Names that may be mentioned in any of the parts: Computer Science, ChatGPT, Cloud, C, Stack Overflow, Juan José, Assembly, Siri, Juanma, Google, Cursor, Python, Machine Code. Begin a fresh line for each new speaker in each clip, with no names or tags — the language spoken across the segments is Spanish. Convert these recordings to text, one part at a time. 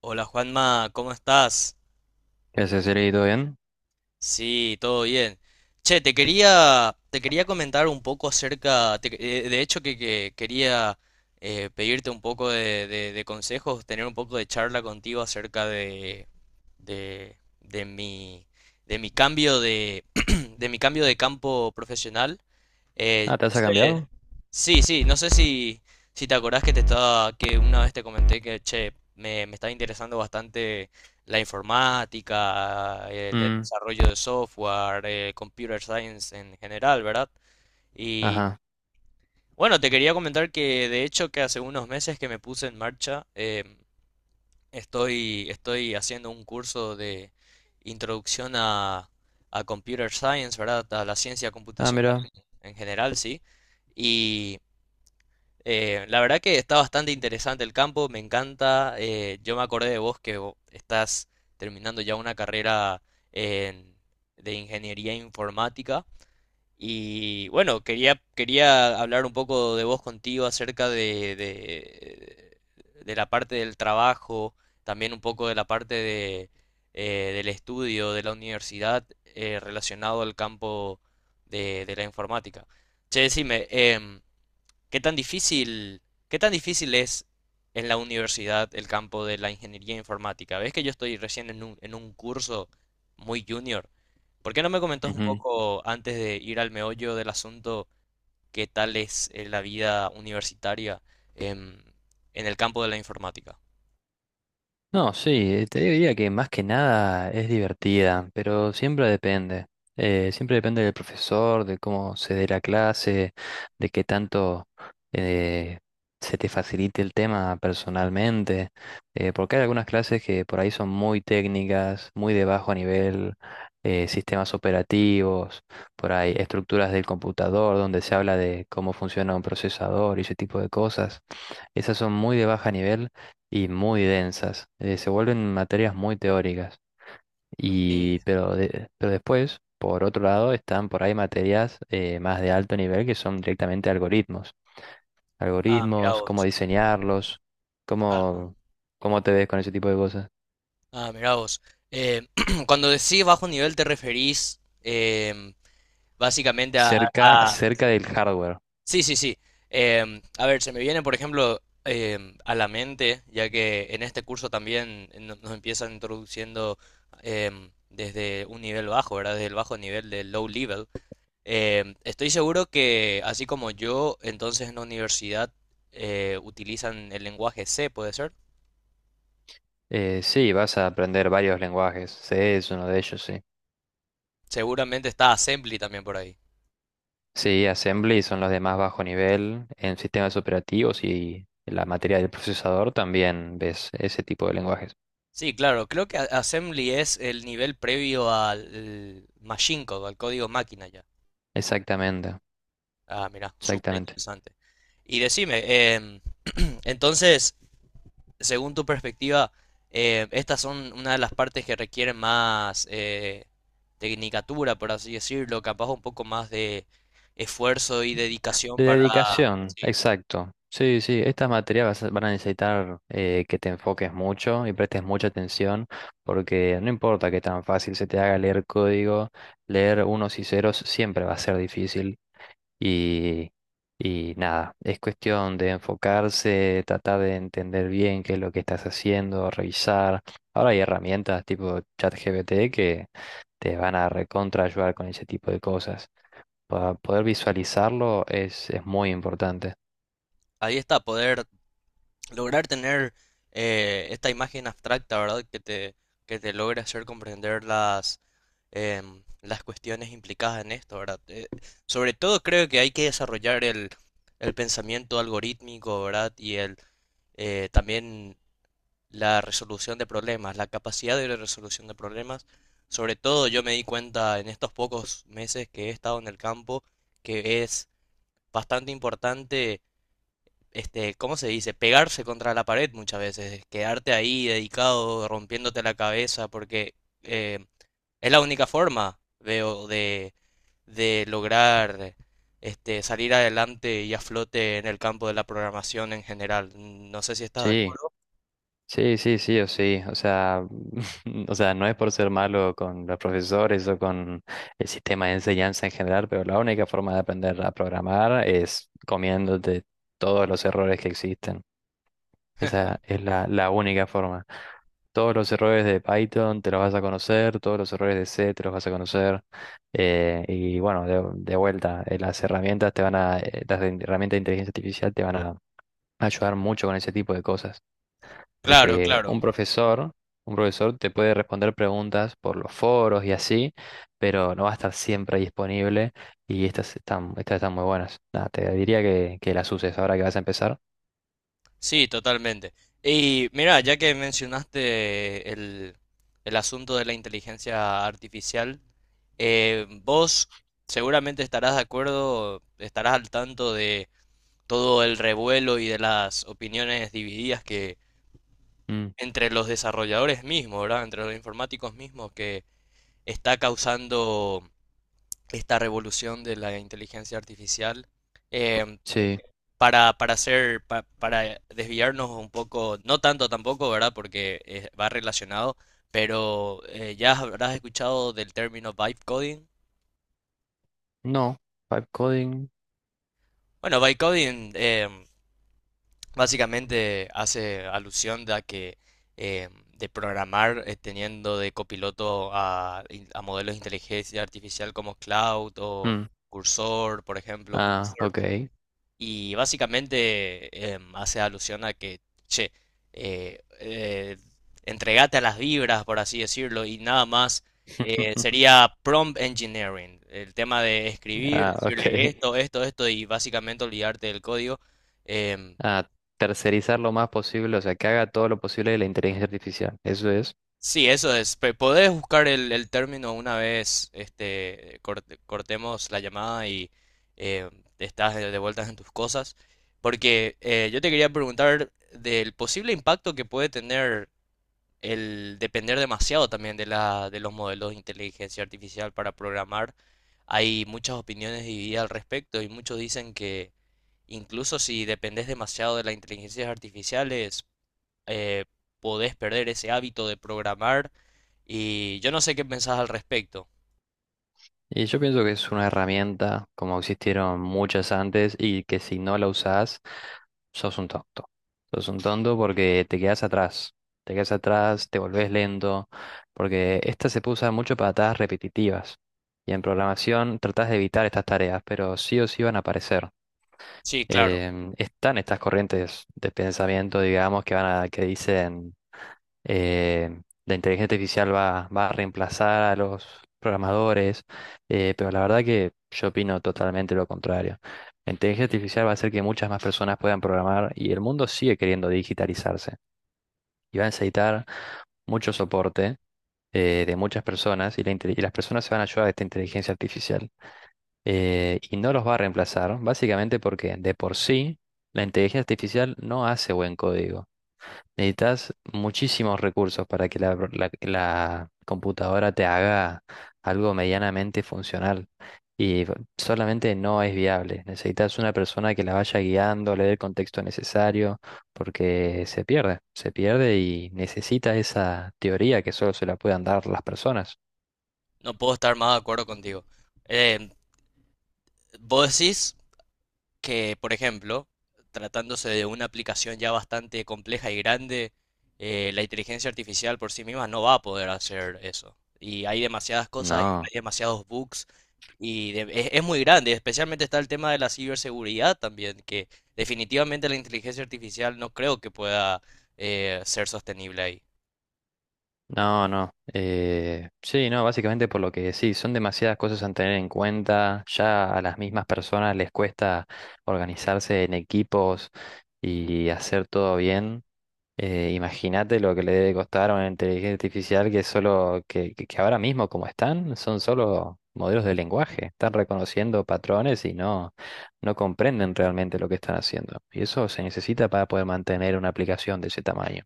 Hola Juanma, ¿cómo estás?
¿Qué haces, Siri? ¿Todo bien?
Sí, todo bien. Che, te quería comentar un poco acerca, te que- de hecho que quería pedirte un poco de consejos, tener un poco de charla contigo acerca de mi, de mi cambio de, de mi cambio de campo profesional. Eh,
Ah, ¿te has
este-
cambiado?
sí, sí, no sé si, si te acordás que te estaba, que una vez te comenté que, che, me estaba interesando bastante la informática, el
Mm,
desarrollo de software, computer science en general, ¿verdad? Y
ajá.
bueno, te quería comentar que de hecho que hace unos meses que me puse en marcha. Estoy haciendo un curso de introducción a Computer Science, ¿verdad? A la ciencia
Ah,
computacional
mira.
en general, sí. Y la verdad que está bastante interesante el campo, me encanta. Yo me acordé de vos que estás terminando ya una carrera en- de ingeniería informática. Y bueno, quería hablar un poco de vos contigo acerca de la parte del trabajo, también un poco de la parte de, del estudio de la universidad relacionado al campo de la informática. Che, decime, ¿qué tan difícil es en la universidad el campo de la ingeniería informática? ¿Ves que yo estoy recién en en un curso muy junior? ¿Por qué no me comentas un
Ujú.
poco, antes de ir al meollo del asunto, qué tal es la vida universitaria em, en el campo de la informática?
No, sí, te diría que más que nada es divertida, pero siempre depende. Siempre depende del profesor, de cómo se dé la clase, de qué tanto eh, se te facilite el tema personalmente, porque hay algunas clases que por ahí son muy técnicas, muy de bajo nivel, sistemas operativos, por ahí estructuras del computador, donde se habla de cómo funciona un procesador y ese tipo de cosas. Esas son muy de baja nivel y muy densas. Se vuelven materias muy teóricas.
Sí,
Pero después, por otro lado, están por ahí materias más de alto nivel que son directamente algoritmos.
ah, mirá
Algoritmos, cómo
vos.
diseñarlos,
Ah,
cómo, cómo te ves con ese tipo de cosas.
ah, mirá vos. Eh, cuando decís bajo nivel te referís básicamente a,
Cerca,
a-
cerca del hardware.
sí, sí, sí. A ver, se me viene, por ejemplo, a la mente, ya que en este curso también nos empiezan introduciendo desde un nivel bajo, ¿verdad? Desde el bajo nivel del low level. Estoy seguro que, así como yo, entonces en la universidad utilizan el lenguaje C, ¿puede ser?
Sí, vas a aprender varios lenguajes. C es uno de ellos, sí.
Seguramente está Assembly también por ahí.
Sí, Assembly son los de más bajo nivel en sistemas operativos y en la materia del procesador también ves ese tipo de lenguajes.
Sí, claro, creo que Assembly es el nivel previo al Machine Code, al código máquina ya.
Exactamente,
Ah, mira, súper
exactamente.
interesante. Y decime, em, entonces, según tu perspectiva, estas son una de las partes que requieren más tecnicatura, por así decirlo, capaz un poco más de esfuerzo y dedicación
De
para,
dedicación,
sí,
exacto. Sí, sí, estas materias van a necesitar que te enfoques mucho y prestes mucha atención, porque no importa que tan fácil se te haga leer código, leer unos y ceros siempre va a ser difícil. Y, y nada, es cuestión de enfocarse, tratar de entender bien qué es lo que estás haciendo, revisar. Ahora hay herramientas tipo ChatGPT que te van a recontra ayudar con ese tipo de cosas. Para poder visualizarlo es muy importante.
ahí está, poder lograr tener esta imagen abstracta, ¿verdad? Que te logre hacer comprender las, las cuestiones implicadas en esto, ¿verdad? Sobre todo creo que hay que desarrollar el pensamiento algorítmico, ¿verdad? Y el, también la resolución de problemas, la capacidad de resolución de problemas. Sobre todo yo me di cuenta en estos pocos meses que he estado en el campo que es bastante importante, este, ¿cómo se dice? Pegarse contra la pared muchas veces, quedarte ahí dedicado, rompiéndote la cabeza, porque eh, es la única forma, veo, de lograr este, salir adelante y a flote en el campo de la programación en general. No sé si estás de
Sí,
acuerdo.
sí, sí, sí o sí. O sea, no es por ser malo con los profesores o con el sistema de enseñanza en general, pero la única forma de aprender a programar es comiéndote todos los errores que existen. Esa es la única forma. Todos los errores de Python te los vas a conocer, todos los errores de C te los vas a conocer. Y bueno, de vuelta, las herramientas de inteligencia artificial te van a ayudar mucho con ese tipo de cosas.
Claro,
Porque
claro.
un profesor te puede responder preguntas por los foros y así, pero no va a estar siempre disponible. Y estas están muy buenas. Nada, te diría que las uses ahora que vas a empezar.
Sí, totalmente. Y mira, ya que mencionaste el asunto de la inteligencia artificial, vos seguramente estarás de acuerdo, estarás al tanto de todo el revuelo y de las opiniones divididas que
Mm,
entre los desarrolladores mismos, ¿verdad? Entre los informáticos mismos que está causando esta revolución de la inteligencia artificial. Em,
sí.
para desviarnos un poco, no tanto tampoco, ¿verdad? Porque va relacionado, pero ya habrás escuchado del término vibe coding.
No, pipe coding.
Bueno, vibe coding básicamente hace alusión de a que eh, de programar teniendo de copiloto a modelos de inteligencia artificial como Cloud o
Mm.
Cursor, por ejemplo.
Ah, ok.
Y básicamente hace alusión a que, che, eh, eh, entregate a las vibras, por así decirlo, y nada más sería prompt engineering, el tema de escribir,
Ah,
decirle
ok.
esto, esto, esto, y básicamente olvidarte del código. Em,
Ah, tercerizar lo más posible, o sea, que haga todo lo posible de la inteligencia artificial. Eso es.
Sí, eso es. Podés buscar el término una vez este, cortemos la llamada y eh, estás de vueltas en tus cosas. Porque yo te quería preguntar del posible impacto que puede tener el depender demasiado también de la, de los modelos de inteligencia artificial para programar. Hay muchas opiniones divididas al respecto y muchos dicen que incluso si dependes demasiado de las inteligencias artificiales, eh, podés perder ese hábito de programar y yo no sé qué pensás al respecto.
Y yo pienso que es una herramienta, como existieron muchas antes, y que si no la usás, sos un tonto. Sos un tonto porque te quedas atrás. Te quedas atrás, te volvés lento, porque esta se usa mucho para tareas repetitivas. Y en programación tratás de evitar estas tareas, pero sí o sí van a aparecer.
Sí, claro,
Están estas corrientes de pensamiento, digamos, que dicen la inteligencia artificial va a reemplazar a los programadores, pero la verdad que yo opino totalmente lo contrario. La inteligencia artificial va a hacer que muchas más personas puedan programar y el mundo sigue queriendo digitalizarse y va a necesitar mucho soporte de muchas personas y, las personas se van a ayudar de esta inteligencia artificial y no los va a reemplazar, básicamente porque de por sí la inteligencia artificial no hace buen código. Necesitas muchísimos recursos para que la computadora te haga algo medianamente funcional y solamente no es viable. Necesitas una persona que la vaya guiando, le dé el contexto necesario, porque se pierde y necesita esa teoría que solo se la puedan dar las personas.
no puedo estar más de acuerdo contigo. Eh, vos decís que, por ejemplo, tratándose de una aplicación ya bastante compleja y grande, la inteligencia artificial por sí misma no va a poder hacer eso. Y hay demasiadas cosas, hay
No.
hay demasiados bugs. Es muy grande, especialmente está el tema de la ciberseguridad también, que definitivamente la inteligencia artificial no creo que pueda ser sostenible ahí.
No, no. Sí, no, básicamente por lo que sí, son demasiadas cosas a tener en cuenta. Ya a las mismas personas les cuesta organizarse en equipos y hacer todo bien. Imagínate lo que le debe costar a una inteligencia artificial que solo, que ahora mismo como están, son solo modelos de lenguaje. Están reconociendo patrones y no comprenden realmente lo que están haciendo. Y eso se necesita para poder mantener una aplicación de ese tamaño.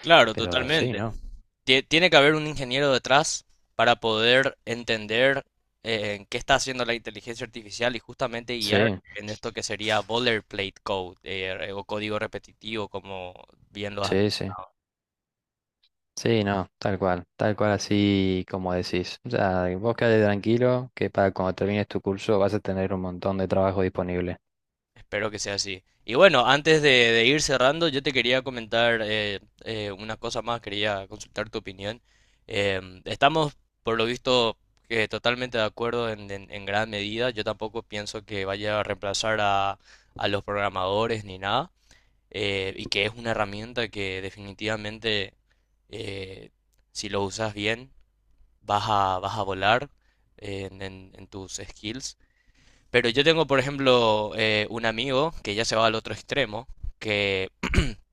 Claro, claro,
Pero sí,
totalmente.
¿no?
Tiene que haber un ingeniero detrás para poder entender qué está haciendo la inteligencia artificial y justamente guiar
Sí,
en esto que sería boilerplate code o código repetitivo, como bien lo has.
sí, sí. Sí, no, tal cual así como decís. O sea, vos quedate tranquilo que para cuando termines tu curso vas a tener un montón de trabajo disponible.
Espero que sea así. Y bueno, antes de ir cerrando, yo te quería comentar una cosa más, quería consultar tu opinión. Estamos, por lo visto, totalmente de acuerdo en, en gran medida. Yo tampoco pienso que vaya a reemplazar a los programadores ni nada, y que es una herramienta que definitivamente, eh, si lo usas bien, vas a, vas a volar en en tus skills. Pero yo tengo, por ejemplo, un amigo que ya se va al otro extremo, que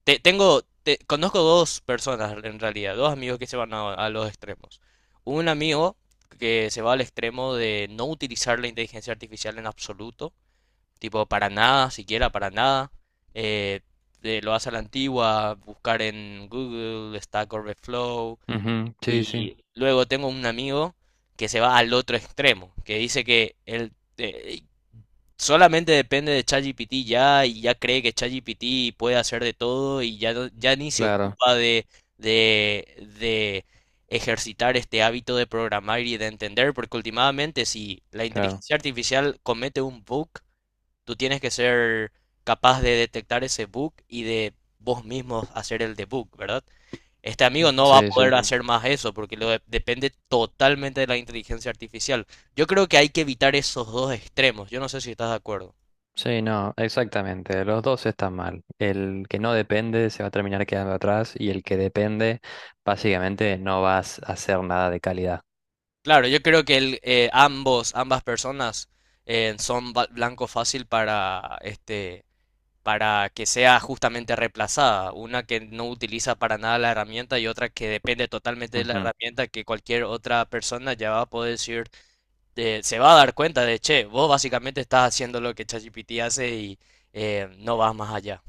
tengo, conozco dos personas en realidad, dos amigos que se van a los extremos. Un amigo que se va al extremo de no utilizar la inteligencia artificial en absoluto, tipo para nada, siquiera para nada. eh, lo hace a la antigua, buscar en Google, Stack Overflow.
Ujú. Sí, sí,
Y luego tengo un amigo que se va al otro extremo, que dice que él, eh, solamente depende de ChatGPT ya y ya cree que ChatGPT puede hacer de todo y ya, ya ni se
claro,
ocupa de, de ejercitar este hábito de programar y de entender, porque últimamente si la
claro.
inteligencia artificial comete un bug, tú tienes que ser capaz de detectar ese bug y de vos mismos hacer el debug, ¿verdad? Este amigo no va a
Sí, sí.
poder Ujú. Hacer más eso porque depende totalmente de la inteligencia artificial. Yo creo que hay que evitar esos dos extremos. Yo no sé si estás de acuerdo.
Sí, no, exactamente. Los dos están mal. El que no depende se va a terminar quedando atrás y el que depende, básicamente no vas a hacer nada de calidad.
Claro, yo creo que el, ambas personas son blanco fácil para, este, para que sea justamente reemplazada. Una que no utiliza para nada la herramienta y otra que depende totalmente de la
Ujú,
herramienta que cualquier otra persona ya va a poder decir, se va a dar cuenta de, che, vos básicamente estás haciendo lo que ChatGPT hace y no vas más allá.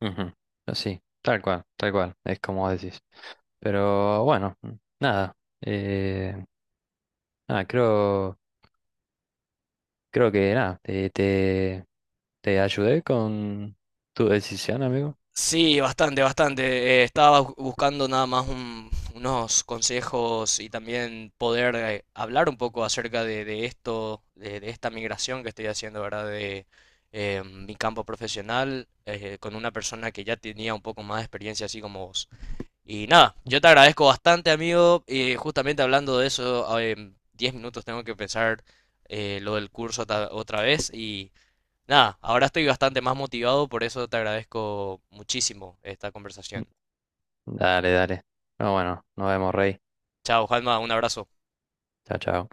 ujú. Sí, tal cual, es como decís. Pero bueno, nada. Eh, Nada, creo. Creo que nada, te ayudé con tu decisión, amigo.
Sí, bastante, bastante. Estaba buscando nada más unos consejos y también poder hablar un poco acerca de esto, de esta migración que estoy haciendo, ¿verdad? De mi campo profesional con una persona que ya tenía un poco más de experiencia, así como vos. Y nada, yo te agradezco bastante, amigo. Y justamente hablando de eso, ah, en 10 minutos tengo que pensar lo del curso otra vez. Nada, ahora estoy bastante más motivado, por eso te agradezco muchísimo esta conversación.
Dale, dale. No, bueno, nos vemos, Rey.
Chao, Juanma, un abrazo.
Chao, chao.